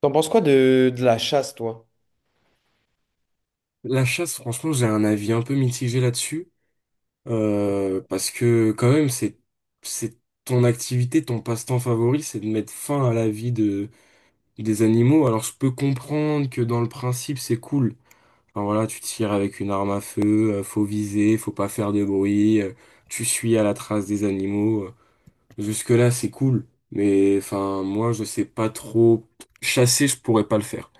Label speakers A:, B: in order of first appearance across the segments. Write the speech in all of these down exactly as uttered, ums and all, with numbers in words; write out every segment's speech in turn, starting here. A: T'en penses quoi de, de la chasse, toi?
B: La chasse, franchement, j'ai un avis un peu mitigé là-dessus, euh, parce que quand même, c'est c'est ton activité, ton passe-temps favori, c'est de mettre fin à la vie de des animaux. Alors, je peux comprendre que dans le principe, c'est cool. Enfin voilà, tu tires avec une arme à feu, euh, faut viser, faut pas faire de bruit, euh, tu suis à la trace des animaux. euh, Jusque-là, c'est cool, mais enfin, moi, je sais pas trop. Chasser, je pourrais pas le faire.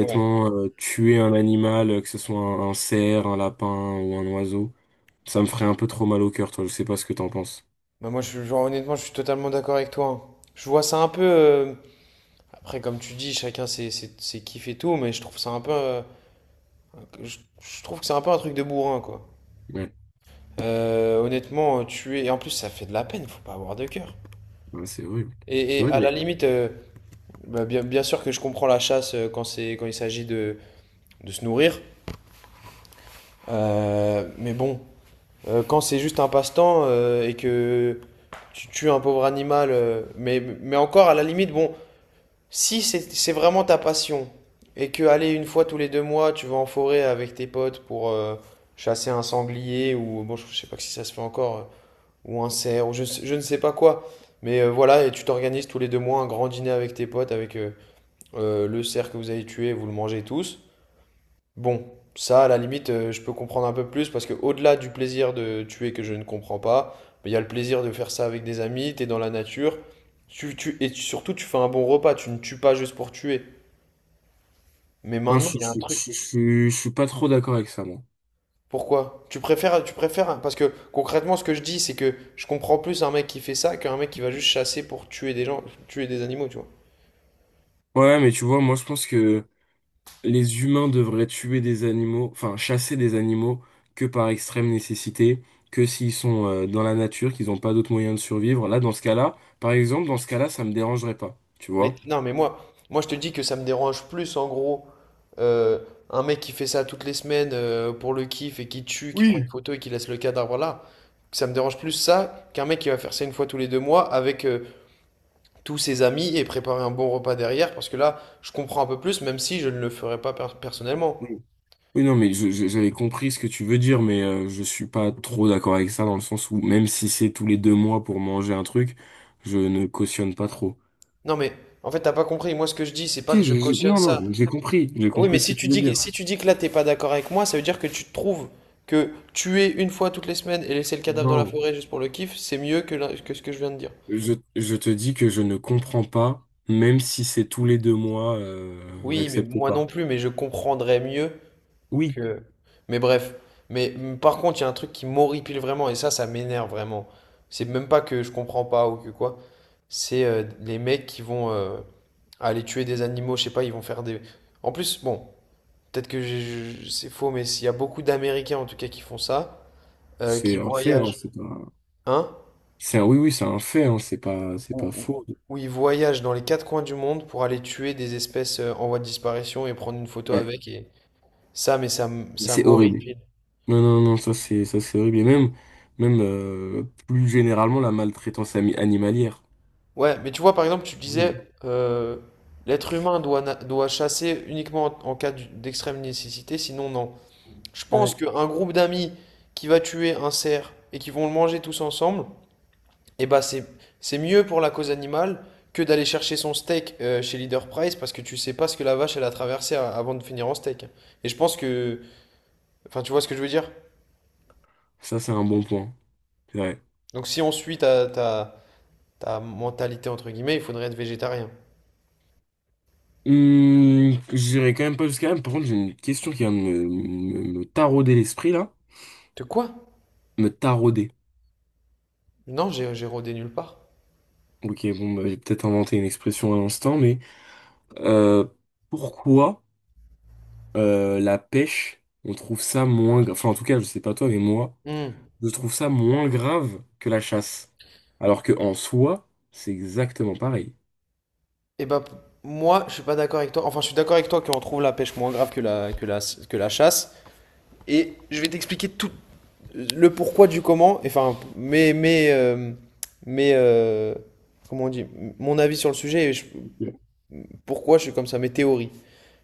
A: Ouais.
B: euh, tuer un animal, euh, que ce soit un, un cerf, un lapin ou un oiseau, ça me ferait un peu trop mal au cœur, toi. Je sais pas ce que t'en penses.
A: Bah moi, je, genre, honnêtement, je suis totalement d'accord avec toi, hein. Je vois ça un peu. euh, Après, comme tu dis, chacun ses, ses, ses kiffs et tout, mais je trouve ça un peu. euh, Je, je trouve que c'est un peu un truc de bourrin, quoi.
B: Ouais,
A: Euh, honnêtement, euh, tuer. Et en plus, ça fait de la peine, faut pas avoir de cœur.
B: ouais, c'est horrible.
A: Et,
B: C'est
A: et
B: horrible,
A: à la
B: mais
A: limite, euh, bah, bien, bien sûr que je comprends la chasse, euh, quand c'est, quand il s'agit de, de se nourrir. Euh, mais bon. Euh, quand c'est juste un passe-temps, euh, et que tu tues un pauvre animal, euh, mais, mais encore à la limite, bon, si c'est c'est vraiment ta passion et que aller une fois tous les deux mois, tu vas en forêt avec tes potes pour, euh, chasser un sanglier ou bon, je sais pas si ça se fait encore, euh, ou un cerf, ou je, je ne sais pas quoi. Mais euh, voilà, et tu t'organises tous les deux mois un grand dîner avec tes potes, avec, euh, euh, le cerf que vous avez tué, vous le mangez tous. Bon, ça, à la limite, euh, je peux comprendre un peu plus parce que au-delà du plaisir de tuer que je ne comprends pas, mais il y a le plaisir de faire ça avec des amis, t'es dans la nature, tu, tu- et tu- surtout tu fais un bon repas, tu ne tues pas juste pour tuer. Mais
B: non,
A: maintenant,
B: je,
A: il y a un
B: je,
A: truc.
B: je, je- je- je suis pas trop d'accord avec ça, moi.
A: Pourquoi? Tu préfères, tu préfères, parce que concrètement, ce que je dis, c'est que je comprends plus un mec qui fait ça qu'un mec qui va juste chasser pour tuer des gens, tuer des animaux, tu vois.
B: Ouais, mais tu vois, moi, je pense que les humains devraient tuer des animaux, enfin chasser des animaux que par extrême nécessité, que s'ils sont euh, dans la nature, qu'ils n'ont pas d'autre moyen de survivre. Là, dans ce cas-là, par exemple, dans ce cas-là, ça me dérangerait pas, tu
A: Mais
B: vois?
A: non, mais moi, moi je te dis que ça me dérange plus en gros, euh, un mec qui fait ça toutes les semaines, euh, pour le kiff et qui tue, qui prend une
B: Oui.
A: photo et qui laisse le cadavre là. Ça me dérange plus ça qu'un mec qui va faire ça une fois tous les deux mois avec, euh, tous ses amis et préparer un bon repas derrière parce que là, je comprends un peu plus même si je ne le ferais pas per- personnellement.
B: Oui, oui, non, mais je- je- j'avais compris ce que tu veux dire, mais euh, je suis pas trop d'accord avec ça dans le sens où même si c'est tous les deux mois pour manger un truc, je ne cautionne pas trop.
A: Non mais en fait, t'as pas compris. Moi, ce que je dis, c'est pas
B: Si,
A: que je
B: j'ai- j'ai-
A: cautionne
B: non, non,
A: ça.
B: j'ai compris, j'ai
A: Oui, mais
B: compris ce que
A: si tu
B: tu veux
A: dis que,
B: dire.
A: si tu dis que là, t'es pas d'accord avec moi, ça veut dire que tu trouves que tuer une fois toutes les semaines et laisser le cadavre dans la
B: Non.
A: forêt juste pour le kiff, c'est mieux que, la- que ce que je viens de dire.
B: Je, je te dis que je ne comprends pas, même si c'est tous les deux mois, euh,
A: Oui, mais
B: j'accepte
A: moi non
B: pas.
A: plus, mais je comprendrais mieux
B: Oui,
A: que. Mais bref. Mais mm, par contre, il y a un truc qui m'horripile vraiment, et ça, ça m'énerve vraiment. C'est même pas que je comprends pas ou que quoi. C'est, euh, les mecs qui vont, euh, aller tuer des animaux, je sais pas, ils vont faire des. En plus, bon, peut-être que j'ai- je- c'est faux, mais s'il y a beaucoup d'Américains en tout cas qui font ça, euh, qui
B: c'est un fait, hein,
A: voyagent.
B: c'est pas,
A: Hein?
B: c'est un, oui, oui, c'est un fait, hein, c'est pas, c'est
A: Où,
B: pas
A: où-
B: faux.
A: où ils voyagent dans les quatre coins du monde pour aller tuer des espèces, euh, en voie de disparition et prendre une photo
B: Ouais,
A: avec et ça, mais ça, m- ça
B: c'est horrible.
A: m'horripile.
B: Non, non, non, ça c'est, ça c'est horrible. Et même, même euh, plus généralement, la maltraitance ami- animalière.
A: Ouais, mais tu vois, par exemple, tu disais,
B: Horrible.
A: euh, l'être humain doit, na- doit chasser uniquement en, en cas d'u- d'extrême nécessité, sinon non. Je
B: Ouais.
A: pense qu'un groupe d'amis qui va tuer un cerf et qui vont le manger tous ensemble, et bah c'est c'est mieux pour la cause animale que d'aller chercher son steak, euh, chez Leader Price parce que tu sais pas ce que la vache elle a traversé a- avant de finir en steak. Et je pense que. Enfin, tu vois ce que je veux dire?
B: Ça c'est un bon point. C'est vrai.
A: Donc si on suit ta, ta, ta mentalité entre guillemets, il faudrait être végétarien.
B: Hum, j'irai quand même pas jusqu'à là. Par contre, j'ai une question qui vient de me, me me tarauder l'esprit là,
A: De quoi?
B: me tarauder.
A: Non, j'ai j'ai rodé nulle part.
B: Ok, bon, bah, j'ai peut-être inventé une expression à l'instant, mais euh, pourquoi euh, la pêche, on trouve ça moins grave, enfin en tout cas, je sais pas toi, mais moi,
A: Hmm.
B: je trouve ça moins grave que la chasse. Alors que en soi, c'est exactement pareil.
A: Et bah p- moi je suis pas d'accord avec toi. Enfin je suis d'accord avec toi qu'on trouve la pêche moins grave que la, que la, que la chasse. Et je vais t'expliquer tout, le pourquoi du comment, enfin, mais, mais, euh, mais, euh, comment on dit, mon avis sur le sujet et je-
B: Ok.
A: pourquoi je suis comme ça, mes théories.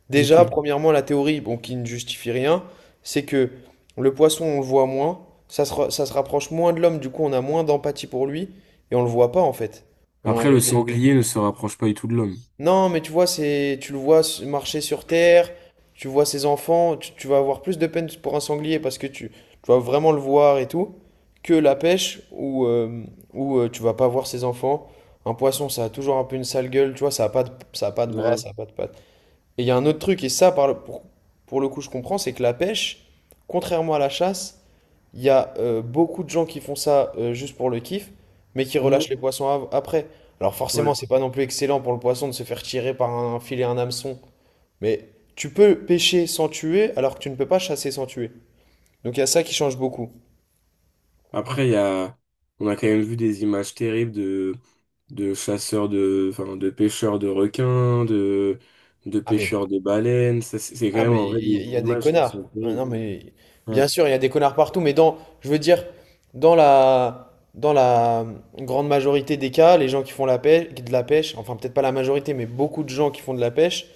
A: Déjà,
B: Ok.
A: premièrement, la théorie, bon, qui ne justifie rien, c'est que le poisson, on le voit moins, ça se, ra- ça se rapproche moins de l'homme, du coup, on a moins d'empathie pour lui et on le voit pas en fait. On,
B: Après, le
A: il
B: sanglier ne se rapproche pas du tout de l'homme.
A: Non, mais tu vois, c'est, tu le vois s- marcher sur terre, tu vois ses enfants, tu, tu vas avoir plus de peine pour un sanglier parce que tu, tu vas vraiment le voir et tout, que la pêche où, euh, où euh, tu vas pas voir ses enfants. Un poisson, ça a toujours un peu une sale gueule, tu vois, ça a pas de, ça a pas de bras,
B: Ouais.
A: ça a pas de pattes. Et il y a un autre truc, et ça, par le- pour, pour le coup, je comprends, c'est que la pêche, contrairement à la chasse, il y a, euh, beaucoup de gens qui font ça, euh, juste pour le kiff, mais qui relâchent
B: Mhm.
A: les poissons av- après. Alors forcément,
B: Ouais.
A: c'est pas non plus excellent pour le poisson de se faire tirer par un filet, un hameçon. Mais tu peux pêcher sans tuer, alors que tu ne peux pas chasser sans tuer. Donc il y a ça qui change beaucoup.
B: Après, il y a, on a quand même vu des images terribles de, de chasseurs de, enfin, de pêcheurs de requins, de, de
A: Ah mais
B: pêcheurs de baleines. Ça, c'est c'est quand
A: Ah,
B: même
A: mais il
B: en vrai
A: y,
B: des
A: il y a des
B: images qui
A: connards.
B: sont
A: Ah,
B: terribles.
A: non, mais bien
B: Ouais,
A: sûr, il y a des connards partout, mais dans, je veux dire, dans la, dans la grande majorité des cas, les gens qui font la pêche, de la pêche, enfin peut-être pas la majorité, mais beaucoup de gens qui font de la pêche,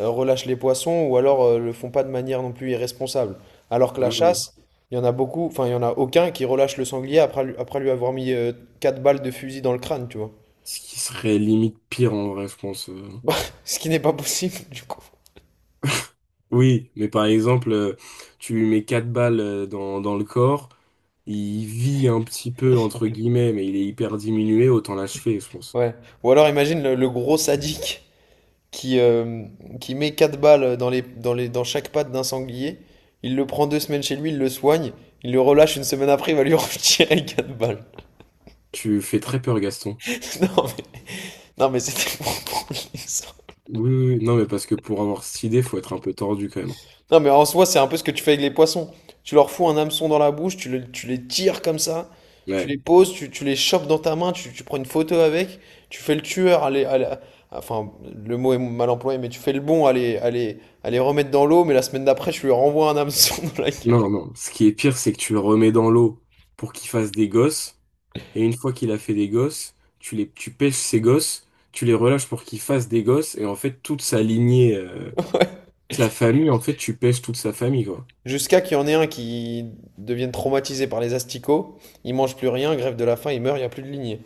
A: euh, relâchent les poissons ou alors, euh, le font pas de manière non plus irresponsable. Alors que
B: ouais,
A: la
B: ouais.
A: chasse, il y en a beaucoup, enfin il y en a aucun qui relâche le sanglier après, lui- après lui avoir mis, euh, quatre balles de fusil dans le crâne, tu vois.
B: Ce qui serait limite pire en vrai, je pense. euh.
A: Ce qui n'est pas possible, du coup.
B: Oui, mais par exemple, euh, tu lui mets quatre balles euh, dans, dans le corps, il vit un petit peu, entre guillemets, mais il est hyper diminué, autant l'achever, je pense.
A: Ouais. Ou alors imagine le le gros sadique qui, euh, qui met quatre balles dans, les, dans, les, dans chaque patte d'un sanglier. Il le prend deux semaines chez lui, il le soigne, il le relâche une semaine après, il va lui retirer quatre balles.
B: Tu fais très peur, Gaston.
A: Non mais, non mais c'était pour prendre l'exemple.
B: Oui, oui, oui. Non, mais parce que pour avoir cette idée, faut être un peu tordu quand même.
A: Non mais en soi, c'est un peu ce que tu fais avec les poissons. Tu leur fous un hameçon dans la bouche, tu, le- tu les tires comme ça, tu
B: Ouais.
A: les poses, tu, tu les chopes dans ta main, tu, tu prends une photo avec, tu fais le tueur, à les- à la- enfin le mot est mal employé, mais tu fais le bon à les, à les- à les remettre dans l'eau, mais la semaine d'après, tu lui renvoies un hameçon dans la gueule.
B: Non, non. Ce qui est pire, c'est que tu le remets dans l'eau pour qu'il fasse des gosses. Et une fois qu'il a fait des gosses, tu les, tu pêches ces gosses, tu les relâches pour qu'ils fassent des gosses. Et en fait, toute sa lignée, euh, sa famille, en fait, tu pêches toute sa famille, quoi.
A: Jusqu'à qu'il y en ait un qui devienne traumatisé par les asticots, il mange plus rien, grève de la faim, il meurt, il n'y a plus de lignée.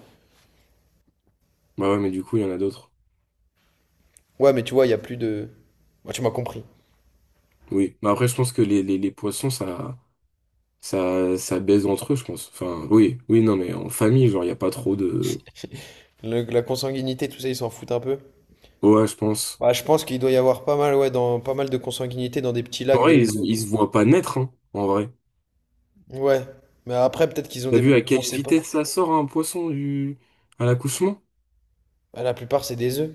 B: Bah ouais, mais du coup, il y en a d'autres.
A: Ouais, mais tu vois, il n'y a plus de. Ouais, tu m'as compris.
B: Oui. Mais après, je pense que les, les, les poissons, ça, ça, ça baise entre eux, je pense. Enfin, oui, oui, non, mais en famille, genre, il n'y a pas trop de.
A: Le- la consanguinité, tout ça, ils s'en foutent un peu.
B: Ouais, je pense.
A: Ouais, je pense qu'il doit y avoir pas mal, ouais, dans, pas mal de consanguinité dans des petits
B: En
A: lacs
B: vrai, ils, se-
A: de.
B: ils se voient pas naître, hein, en vrai.
A: Ouais. Mais après, peut-être qu'ils ont
B: T'as
A: des.
B: vu à
A: On
B: quelle
A: sait pas.
B: vitesse ça sort un poisson du... à l'accouchement?
A: Bah, la plupart, c'est des œufs.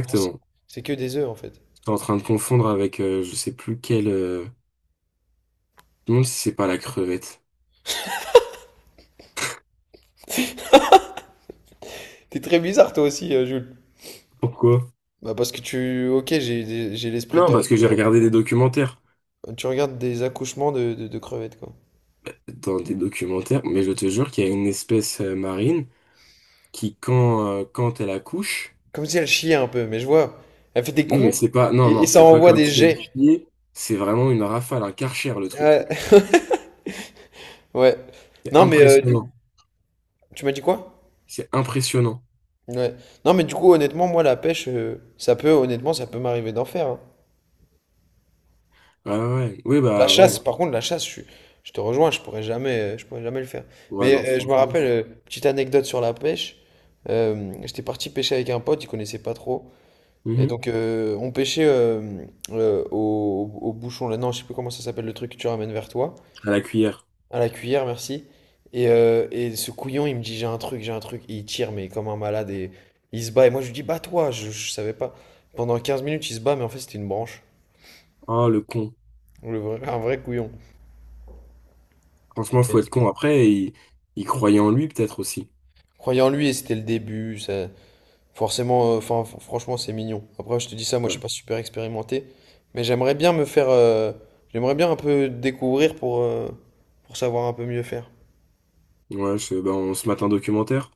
A: Enfin, c'est c'est que des œufs, en fait.
B: T'es en train de confondre avec euh, je sais plus quel... euh, Je me demande si c'est pas la crevette.
A: T'es très bizarre, toi aussi, euh, Jules.
B: Pourquoi?
A: Bah, parce que tu. Ok, j'ai j'ai l'esprit
B: Non, parce que
A: tordu.
B: j'ai regardé des documentaires.
A: Tu regardes des accouchements de, de, de crevettes, quoi.
B: Dans des documentaires, mais je te jure qu'il y a une espèce euh, marine qui, quand, euh, quand elle accouche...
A: Comme si elle chiait un peu, mais je vois. Elle fait des
B: Non, mais
A: coups
B: c'est pas... Non,
A: et, et
B: non,
A: ça
B: c'est pas
A: envoie
B: comme
A: des
B: si elle
A: jets.
B: chiait. C'est vraiment une rafale, un karcher, le
A: Ouais.
B: truc.
A: Ouais.
B: C'est
A: Non, mais, euh, du coup,
B: impressionnant.
A: tu m'as dit quoi?
B: C'est impressionnant.
A: Ouais. Non, mais du coup, honnêtement, moi, la pêche, euh, ça peut, honnêtement, ça peut m'arriver d'en faire, hein.
B: Ouais, ouais, ouais. Oui,
A: La
B: bah, ouais.
A: chasse, par contre, la chasse, je, suis- je te rejoins, je pourrais jamais, euh, je pourrais jamais le faire.
B: Ouais,
A: Mais,
B: non,
A: euh, je me
B: franchement.
A: rappelle, euh, petite anecdote sur la pêche. euh, j'étais parti pêcher avec un pote, il connaissait pas trop. Et
B: Mhm.
A: donc, euh, on pêchait, euh, euh, au, au bouchon, là, non, je sais plus comment ça s'appelle le truc que tu ramènes vers toi.
B: À la cuillère.
A: À la cuillère, merci. Et, euh, et ce couillon, il me dit, j'ai un truc, j'ai un truc. Et il tire, mais comme un malade. Et il se bat. Et moi, je lui dis, bats-toi. Je, je savais pas. Pendant quinze minutes, il se bat, mais en fait, c'était une branche.
B: Oh, le con.
A: Le vrai- un vrai couillon.
B: Franchement,
A: Mais
B: faut être con. Après, il, il croyait en lui peut-être aussi.
A: croyant en lui, et c'était le début. Ça. Forcément, euh, enfin, f- franchement, c'est mignon. Après, je te dis ça, moi, je
B: Ouais,
A: suis pas super expérimenté. Mais j'aimerais bien me faire. euh, J'aimerais bien un peu découvrir pour, euh, pour savoir un peu mieux faire.
B: ouais je- ben, on se mate un documentaire.